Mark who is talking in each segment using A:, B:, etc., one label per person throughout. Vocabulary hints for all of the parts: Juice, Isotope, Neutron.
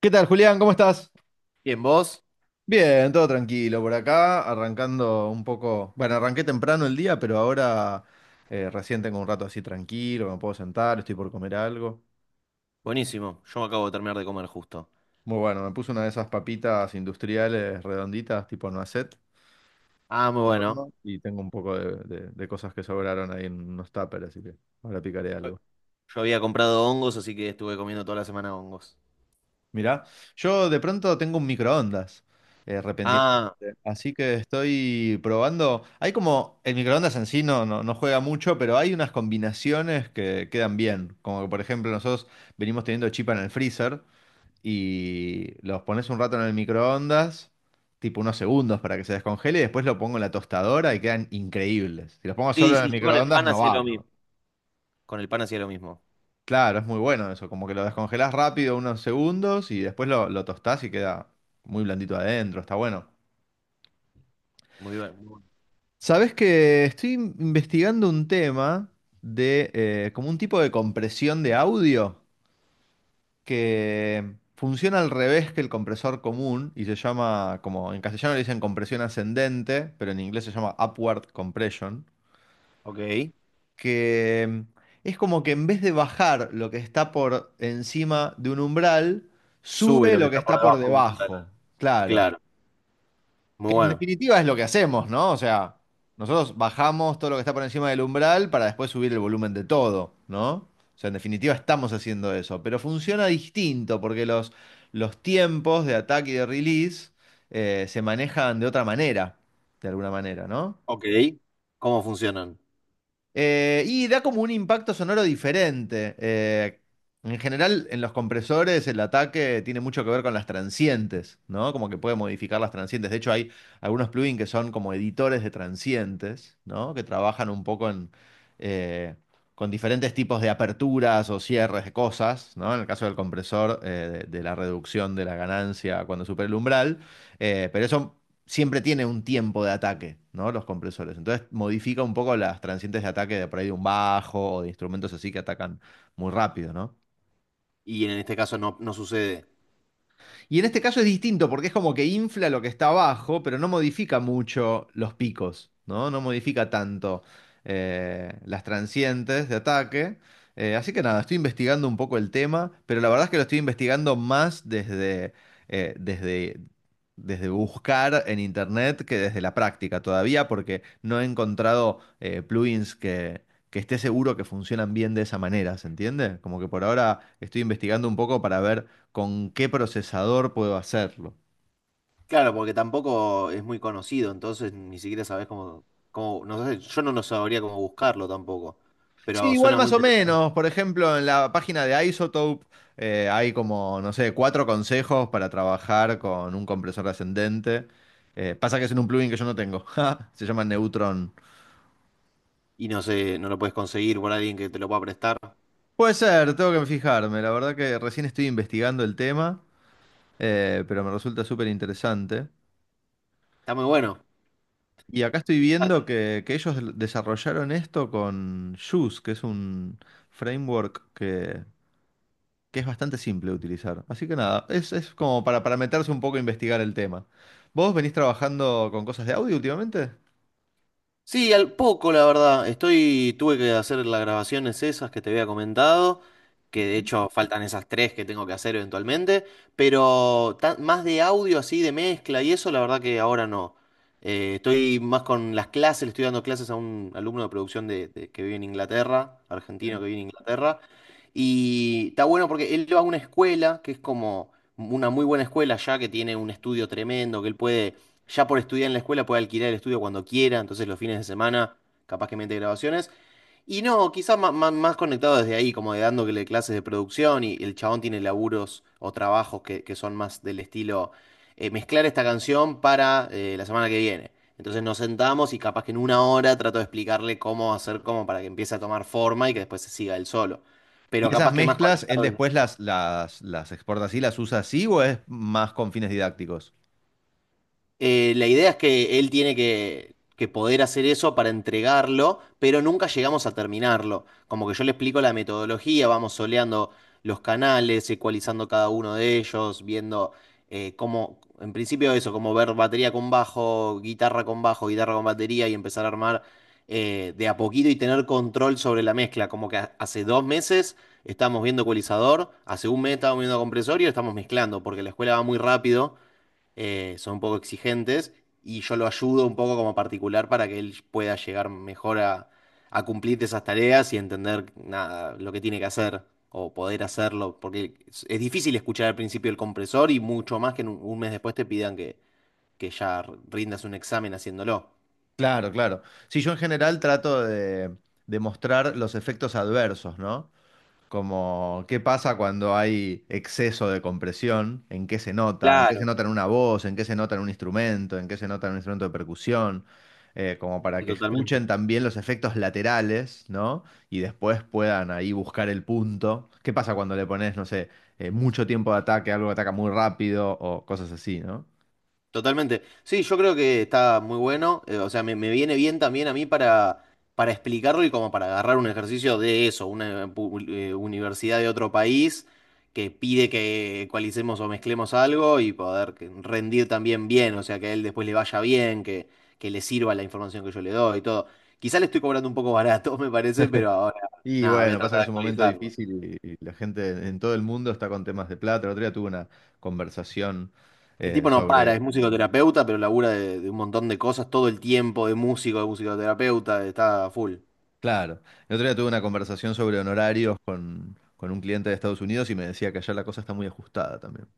A: ¿Qué tal, Julián? ¿Cómo estás?
B: Bien, ¿vos?
A: Bien, todo tranquilo por acá, arrancando un poco. Bueno, arranqué temprano el día, pero ahora recién tengo un rato así tranquilo, me puedo sentar, estoy por comer algo.
B: Buenísimo. Yo me acabo de terminar de comer justo.
A: Muy bueno, me puse una de esas papitas industriales redonditas, tipo noisette,
B: Ah, muy
A: al
B: bueno.
A: horno, y tengo un poco de cosas que sobraron ahí en unos tuppers, así que ahora picaré algo.
B: Yo había comprado hongos, así que estuve comiendo toda la semana hongos.
A: Mirá, yo de pronto tengo un microondas, repentinamente.
B: Ah,
A: Así que estoy probando. Hay como, el microondas en sí no juega mucho, pero hay unas combinaciones que quedan bien. Como que, por ejemplo, nosotros venimos teniendo chipa en el freezer y los pones un rato en el microondas, tipo unos segundos para que se descongele, y después lo pongo en la tostadora y quedan increíbles. Si los pongo solo
B: sí,
A: en el
B: sí, yo con el
A: microondas
B: pan
A: no
B: hacía
A: va.
B: lo mismo. Con el pan hacía lo mismo.
A: Claro, es muy bueno eso, como que lo descongelás rápido unos segundos y después lo tostás y queda muy blandito adentro, está bueno.
B: Muy bien. Muy bueno.
A: Sabes que estoy investigando un tema de como un tipo de compresión de audio que funciona al revés que el compresor común y se llama, como en castellano le dicen compresión ascendente, pero en inglés se llama upward compression.
B: Ok.
A: Que es como que en vez de bajar lo que está por encima de un umbral,
B: Sube
A: sube
B: lo que
A: lo que
B: está por
A: está por
B: debajo de un umbral.
A: debajo. Claro.
B: Claro. Muy
A: Que en
B: bueno.
A: definitiva es lo que hacemos, ¿no? O sea, nosotros bajamos todo lo que está por encima del umbral para después subir el volumen de todo, ¿no? O sea, en definitiva estamos haciendo eso, pero funciona distinto porque los tiempos de ataque y de release se manejan de otra manera, de alguna manera, ¿no?
B: Ok. ¿Cómo funcionan?
A: Y da como un impacto sonoro diferente. En general, en los compresores el ataque tiene mucho que ver con las transientes, ¿no? Como que puede modificar las transientes. De hecho, hay algunos plugins que son como editores de transientes, ¿no? Que trabajan un poco en, eh, con diferentes tipos de aperturas o cierres de cosas, ¿no? En el caso del compresor, de la reducción de la ganancia cuando supera el umbral. Pero eso siempre tiene un tiempo de ataque, ¿no? Los compresores. Entonces modifica un poco las transientes de ataque de por ahí de un bajo o de instrumentos así que atacan muy rápido, ¿no?
B: Y en este caso no, no sucede.
A: Y en este caso es distinto porque es como que infla lo que está abajo, pero no modifica mucho los picos, ¿no? No modifica tanto las transientes de ataque. Así que nada, estoy investigando un poco el tema, pero la verdad es que lo estoy investigando más desde desde buscar en internet que desde la práctica todavía, porque no he encontrado plugins que esté seguro que funcionan bien de esa manera, ¿se entiende? Como que por ahora estoy investigando un poco para ver con qué procesador puedo hacerlo.
B: Claro, porque tampoco es muy conocido, entonces ni siquiera sabés cómo, no sé, yo no lo sabría cómo buscarlo tampoco.
A: Sí,
B: Pero
A: igual
B: suena muy
A: más o
B: interesante.
A: menos. Por ejemplo, en la página de Isotope hay como, no sé, cuatro consejos para trabajar con un compresor ascendente. Pasa que es en un plugin que yo no tengo. Ja, se llama Neutron.
B: Y no sé, no lo puedes conseguir por alguien que te lo pueda prestar.
A: Puede ser, tengo que fijarme. La verdad que recién estoy investigando el tema, pero me resulta súper interesante.
B: Está muy bueno.
A: Y acá estoy viendo que ellos desarrollaron esto con Juice, que es un framework que es bastante simple de utilizar. Así que nada, es como para meterse un poco a investigar el tema. ¿Vos venís trabajando con cosas de audio últimamente?
B: Sí, al poco, la verdad. Estoy, tuve que hacer las grabaciones esas que te había comentado, que de hecho faltan esas tres que tengo que hacer eventualmente, pero más de audio así, de mezcla y eso, la verdad que ahora no. Estoy más con las clases, le estoy dando clases a un alumno de producción que vive en Inglaterra, argentino
A: Sí.
B: que vive en Inglaterra, y está bueno porque él va a una escuela que es como una muy buena escuela ya, que tiene un estudio tremendo, que él puede ya por estudiar en la escuela puede alquilar el estudio cuando quiera, entonces los fines de semana capaz que mete grabaciones. Y no, quizás más, conectado desde ahí, como de dándole clases de producción y el chabón tiene laburos o trabajos que son más del estilo mezclar esta canción para la semana que viene. Entonces nos sentamos y capaz que en una hora trato de explicarle cómo hacer, cómo para que empiece a tomar forma y que después se siga él solo.
A: ¿Y
B: Pero
A: esas
B: capaz que más
A: mezclas, él
B: conectado desde
A: después
B: eso.
A: las exporta así, las usa así o es más con fines didácticos?
B: La idea es que él tiene que poder hacer eso para entregarlo, pero nunca llegamos a terminarlo. Como que yo le explico la metodología, vamos soleando los canales, ecualizando cada uno de ellos, viendo cómo, en principio eso, como ver batería con bajo, guitarra con bajo, guitarra con batería y empezar a armar de a poquito y tener control sobre la mezcla. Como que hace 2 meses estamos viendo ecualizador, hace un mes estamos viendo compresor y lo estamos mezclando, porque la escuela va muy rápido, son un poco exigentes y yo lo ayudo un poco como particular para que él pueda llegar mejor a, cumplir esas tareas y entender nada, lo que tiene que hacer o poder hacerlo, porque es, difícil escuchar al principio el compresor y mucho más que en un, mes después te pidan que ya rindas un examen haciéndolo.
A: Claro, claro. Sí, yo en general trato de mostrar los efectos adversos, ¿no? Como, ¿qué pasa cuando hay exceso de compresión? ¿En qué se nota? ¿En qué se
B: Claro.
A: nota en una voz? ¿En qué se nota en un instrumento? ¿En qué se nota en un instrumento de percusión? Como para
B: Sí,
A: que
B: totalmente.
A: escuchen también los efectos laterales, ¿no? Y después puedan ahí buscar el punto. ¿Qué pasa cuando le pones, no sé, mucho tiempo de ataque, algo que ataca muy rápido o cosas así, ¿no?
B: Totalmente. Sí, yo creo que está muy bueno. O sea, me, viene bien también a mí para explicarlo y como para agarrar un ejercicio de eso, una universidad de otro país que pide que ecualicemos o mezclemos algo y poder rendir también bien. O sea, que a él después le vaya bien, que, le sirva la información que yo le doy y todo. Quizá le estoy cobrando un poco barato, me parece, pero ahora,
A: Y
B: nada, voy a
A: bueno, pasa
B: tratar
A: que
B: de
A: es un momento
B: actualizarlo.
A: difícil y la gente en todo el mundo está con temas de plata. El otro día tuve una conversación
B: El tipo no
A: sobre.
B: para, es musicoterapeuta, pero labura de un montón de cosas todo el tiempo, de músico, de musicoterapeuta, está full.
A: Claro. El otro día tuve una conversación sobre honorarios con un cliente de Estados Unidos y me decía que allá la cosa está muy ajustada también.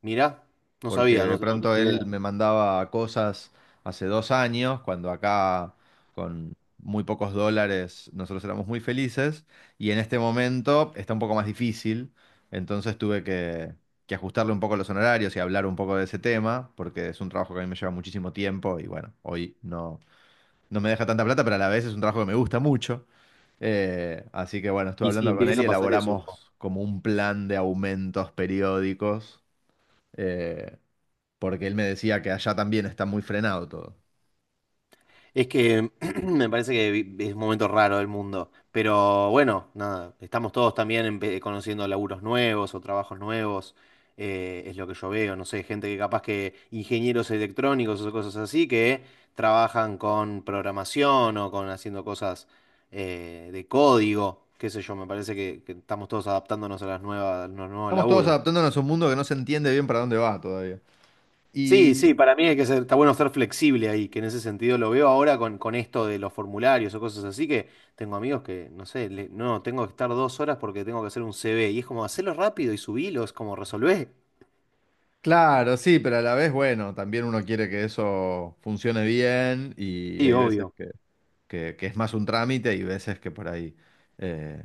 B: Mirá, no
A: Porque
B: sabía, no,
A: de
B: no
A: pronto
B: tenía idea.
A: él me mandaba cosas hace 2 años, cuando acá con muy pocos dólares nosotros éramos muy felices, y en este momento está un poco más difícil. Entonces tuve que ajustarle un poco los honorarios y hablar un poco de ese tema, porque es un trabajo que a mí me lleva muchísimo tiempo y bueno, hoy no, no me deja tanta plata, pero a la vez es un trabajo que me gusta mucho. Así que bueno, estuve
B: Y sí,
A: hablando con él
B: empieza
A: y
B: a pasar eso.
A: elaboramos como un plan de aumentos periódicos, eh, porque él me decía que allá también está muy frenado todo.
B: Es que me parece que es un momento raro del mundo, pero bueno, nada, estamos todos también conociendo laburos nuevos o trabajos nuevos, es lo que yo veo, no sé, gente que capaz que ingenieros electrónicos o cosas así que trabajan con programación o con haciendo cosas de código, qué sé yo, me parece que, estamos todos adaptándonos a las nuevas, a los nuevos
A: Estamos todos
B: laburos.
A: adaptándonos a un mundo que no se entiende bien para dónde va todavía.
B: Sí,
A: Y
B: sí, para mí hay que ser, está bueno ser flexible ahí, que en ese sentido lo veo ahora con esto de los formularios o cosas así, que tengo amigos que, no sé, no, tengo que estar 2 horas porque tengo que hacer un CV, y es como, hacerlo rápido y subilo, es como, resolver.
A: claro, sí, pero a la vez, bueno, también uno quiere que eso funcione bien y
B: Sí,
A: hay veces
B: obvio,
A: que, que es más un trámite y veces que por ahí... eh,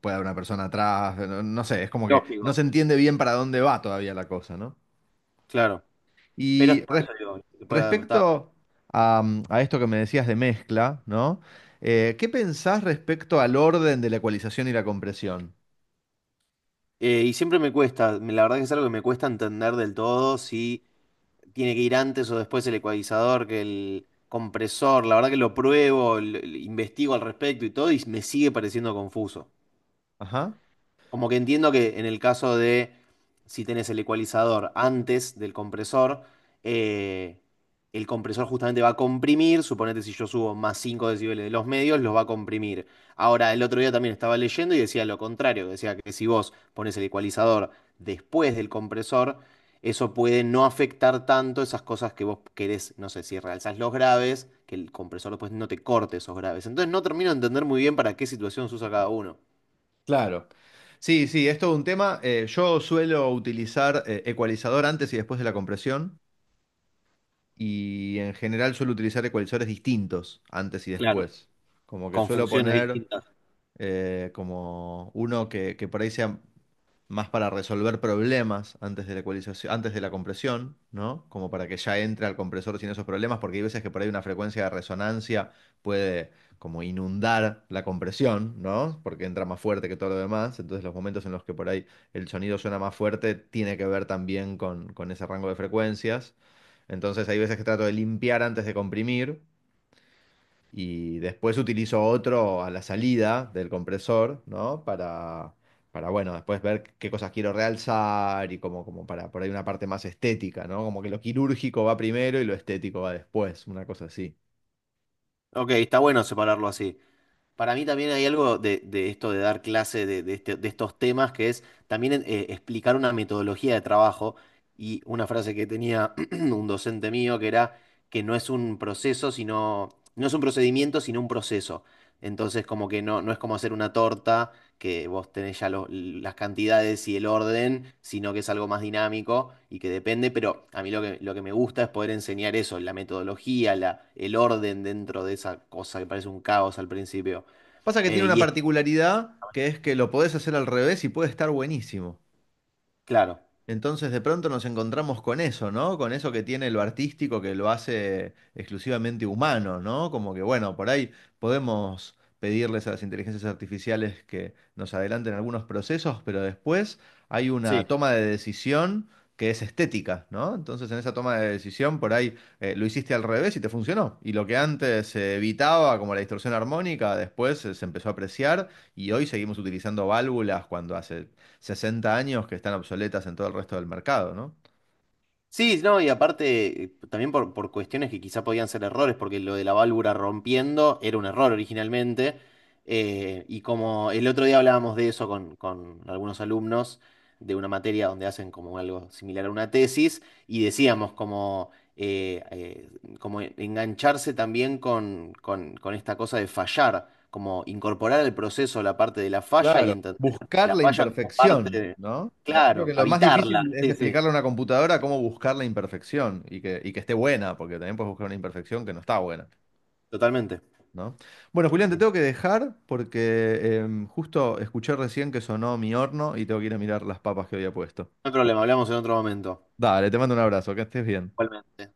A: puede haber una persona atrás, no, no sé, es como que no se
B: lógico,
A: entiende bien para dónde va todavía la cosa, ¿no?
B: claro, pero es
A: Y
B: por
A: res-
B: eso digo, se puede adaptar.
A: Respecto a, a esto que me decías de mezcla, ¿no? ¿Qué pensás respecto al orden de la ecualización y la compresión?
B: Y siempre me cuesta, la verdad que es algo que me cuesta entender del todo si tiene que ir antes o después el ecualizador, que el compresor, la verdad que lo pruebo, investigo al respecto y todo, y me sigue pareciendo confuso.
A: Ajá.
B: Como que entiendo que en el caso de si tenés el ecualizador antes del compresor, eh, el compresor justamente va a comprimir, suponete si yo subo más 5 decibeles de los medios, los va a comprimir. Ahora, el otro día también estaba leyendo y decía lo contrario, decía que si vos pones el ecualizador después del compresor, eso puede no afectar tanto esas cosas que vos querés, no sé, si realzás los graves, que el compresor después no te corte esos graves. Entonces no termino de entender muy bien para qué situación se usa cada uno.
A: Claro. Sí, sí, es todo un tema. Yo suelo utilizar ecualizador antes y después de la compresión y en general suelo utilizar ecualizadores distintos antes y
B: Claro.
A: después. Como que
B: Con
A: suelo
B: funciones
A: poner
B: distintas.
A: como uno que por ahí sea más para resolver problemas antes de la ecualización, antes de la compresión, ¿no? Como para que ya entre al compresor sin esos problemas, porque hay veces que por ahí una frecuencia de resonancia puede como inundar la compresión, ¿no? Porque entra más fuerte que todo lo demás, entonces los momentos en los que por ahí el sonido suena más fuerte tiene que ver también con ese rango de frecuencias, entonces hay veces que trato de limpiar antes de comprimir y después utilizo otro a la salida del compresor, ¿no? Para bueno, después ver qué cosas quiero realzar y como, como para por ahí una parte más estética, ¿no? Como que lo quirúrgico va primero y lo estético va después, una cosa así.
B: Ok, está bueno separarlo así. Para mí también hay algo de, esto de dar clase de estos temas, que es también explicar una metodología de trabajo y una frase que tenía un docente mío que era que no es un proceso, sino, no es un procedimiento, sino un proceso. Entonces, como que no, no es como hacer una torta, que vos tenés ya las cantidades y el orden, sino que es algo más dinámico y que depende, pero a mí lo que, me gusta es poder enseñar eso, la metodología, el orden dentro de esa cosa que parece un caos al principio.
A: Pasa que tiene
B: Eh,
A: una
B: y es
A: particularidad que es que lo podés hacer al revés y puede estar buenísimo.
B: claro,
A: Entonces de pronto nos encontramos con eso, ¿no? Con eso que tiene lo artístico que lo hace exclusivamente humano, ¿no? Como que bueno, por ahí podemos pedirles a las inteligencias artificiales que nos adelanten algunos procesos, pero después hay una
B: sí.
A: toma de decisión que es estética, ¿no? Entonces en esa toma de decisión por ahí lo hiciste al revés y te funcionó. Y lo que antes se evitaba como la distorsión armónica, después se empezó a apreciar y hoy seguimos utilizando válvulas cuando hace 60 años que están obsoletas en todo el resto del mercado, ¿no?
B: Sí, no, y aparte, también por, cuestiones que quizá podían ser errores, porque lo de la válvula rompiendo era un error originalmente, y como el otro día hablábamos de eso con, algunos alumnos de una materia donde hacen como algo similar a una tesis, y decíamos como, como engancharse también con esta cosa de fallar, como incorporar al proceso la parte de la falla y
A: Claro.
B: entender
A: Buscar
B: la
A: la
B: falla como parte
A: imperfección,
B: de,
A: ¿no? Creo
B: claro,
A: que lo más
B: habitarla,
A: difícil es
B: sí, sí,
A: explicarle a una computadora cómo buscar la imperfección y que esté buena, porque también puedes buscar una imperfección que no está buena,
B: totalmente.
A: ¿no? Bueno, Julián, te tengo que dejar porque justo escuché recién que sonó mi horno y tengo que ir a mirar las papas que había puesto.
B: Hay problema, hablamos en otro momento.
A: Dale, te mando un abrazo, que estés bien.
B: Igualmente.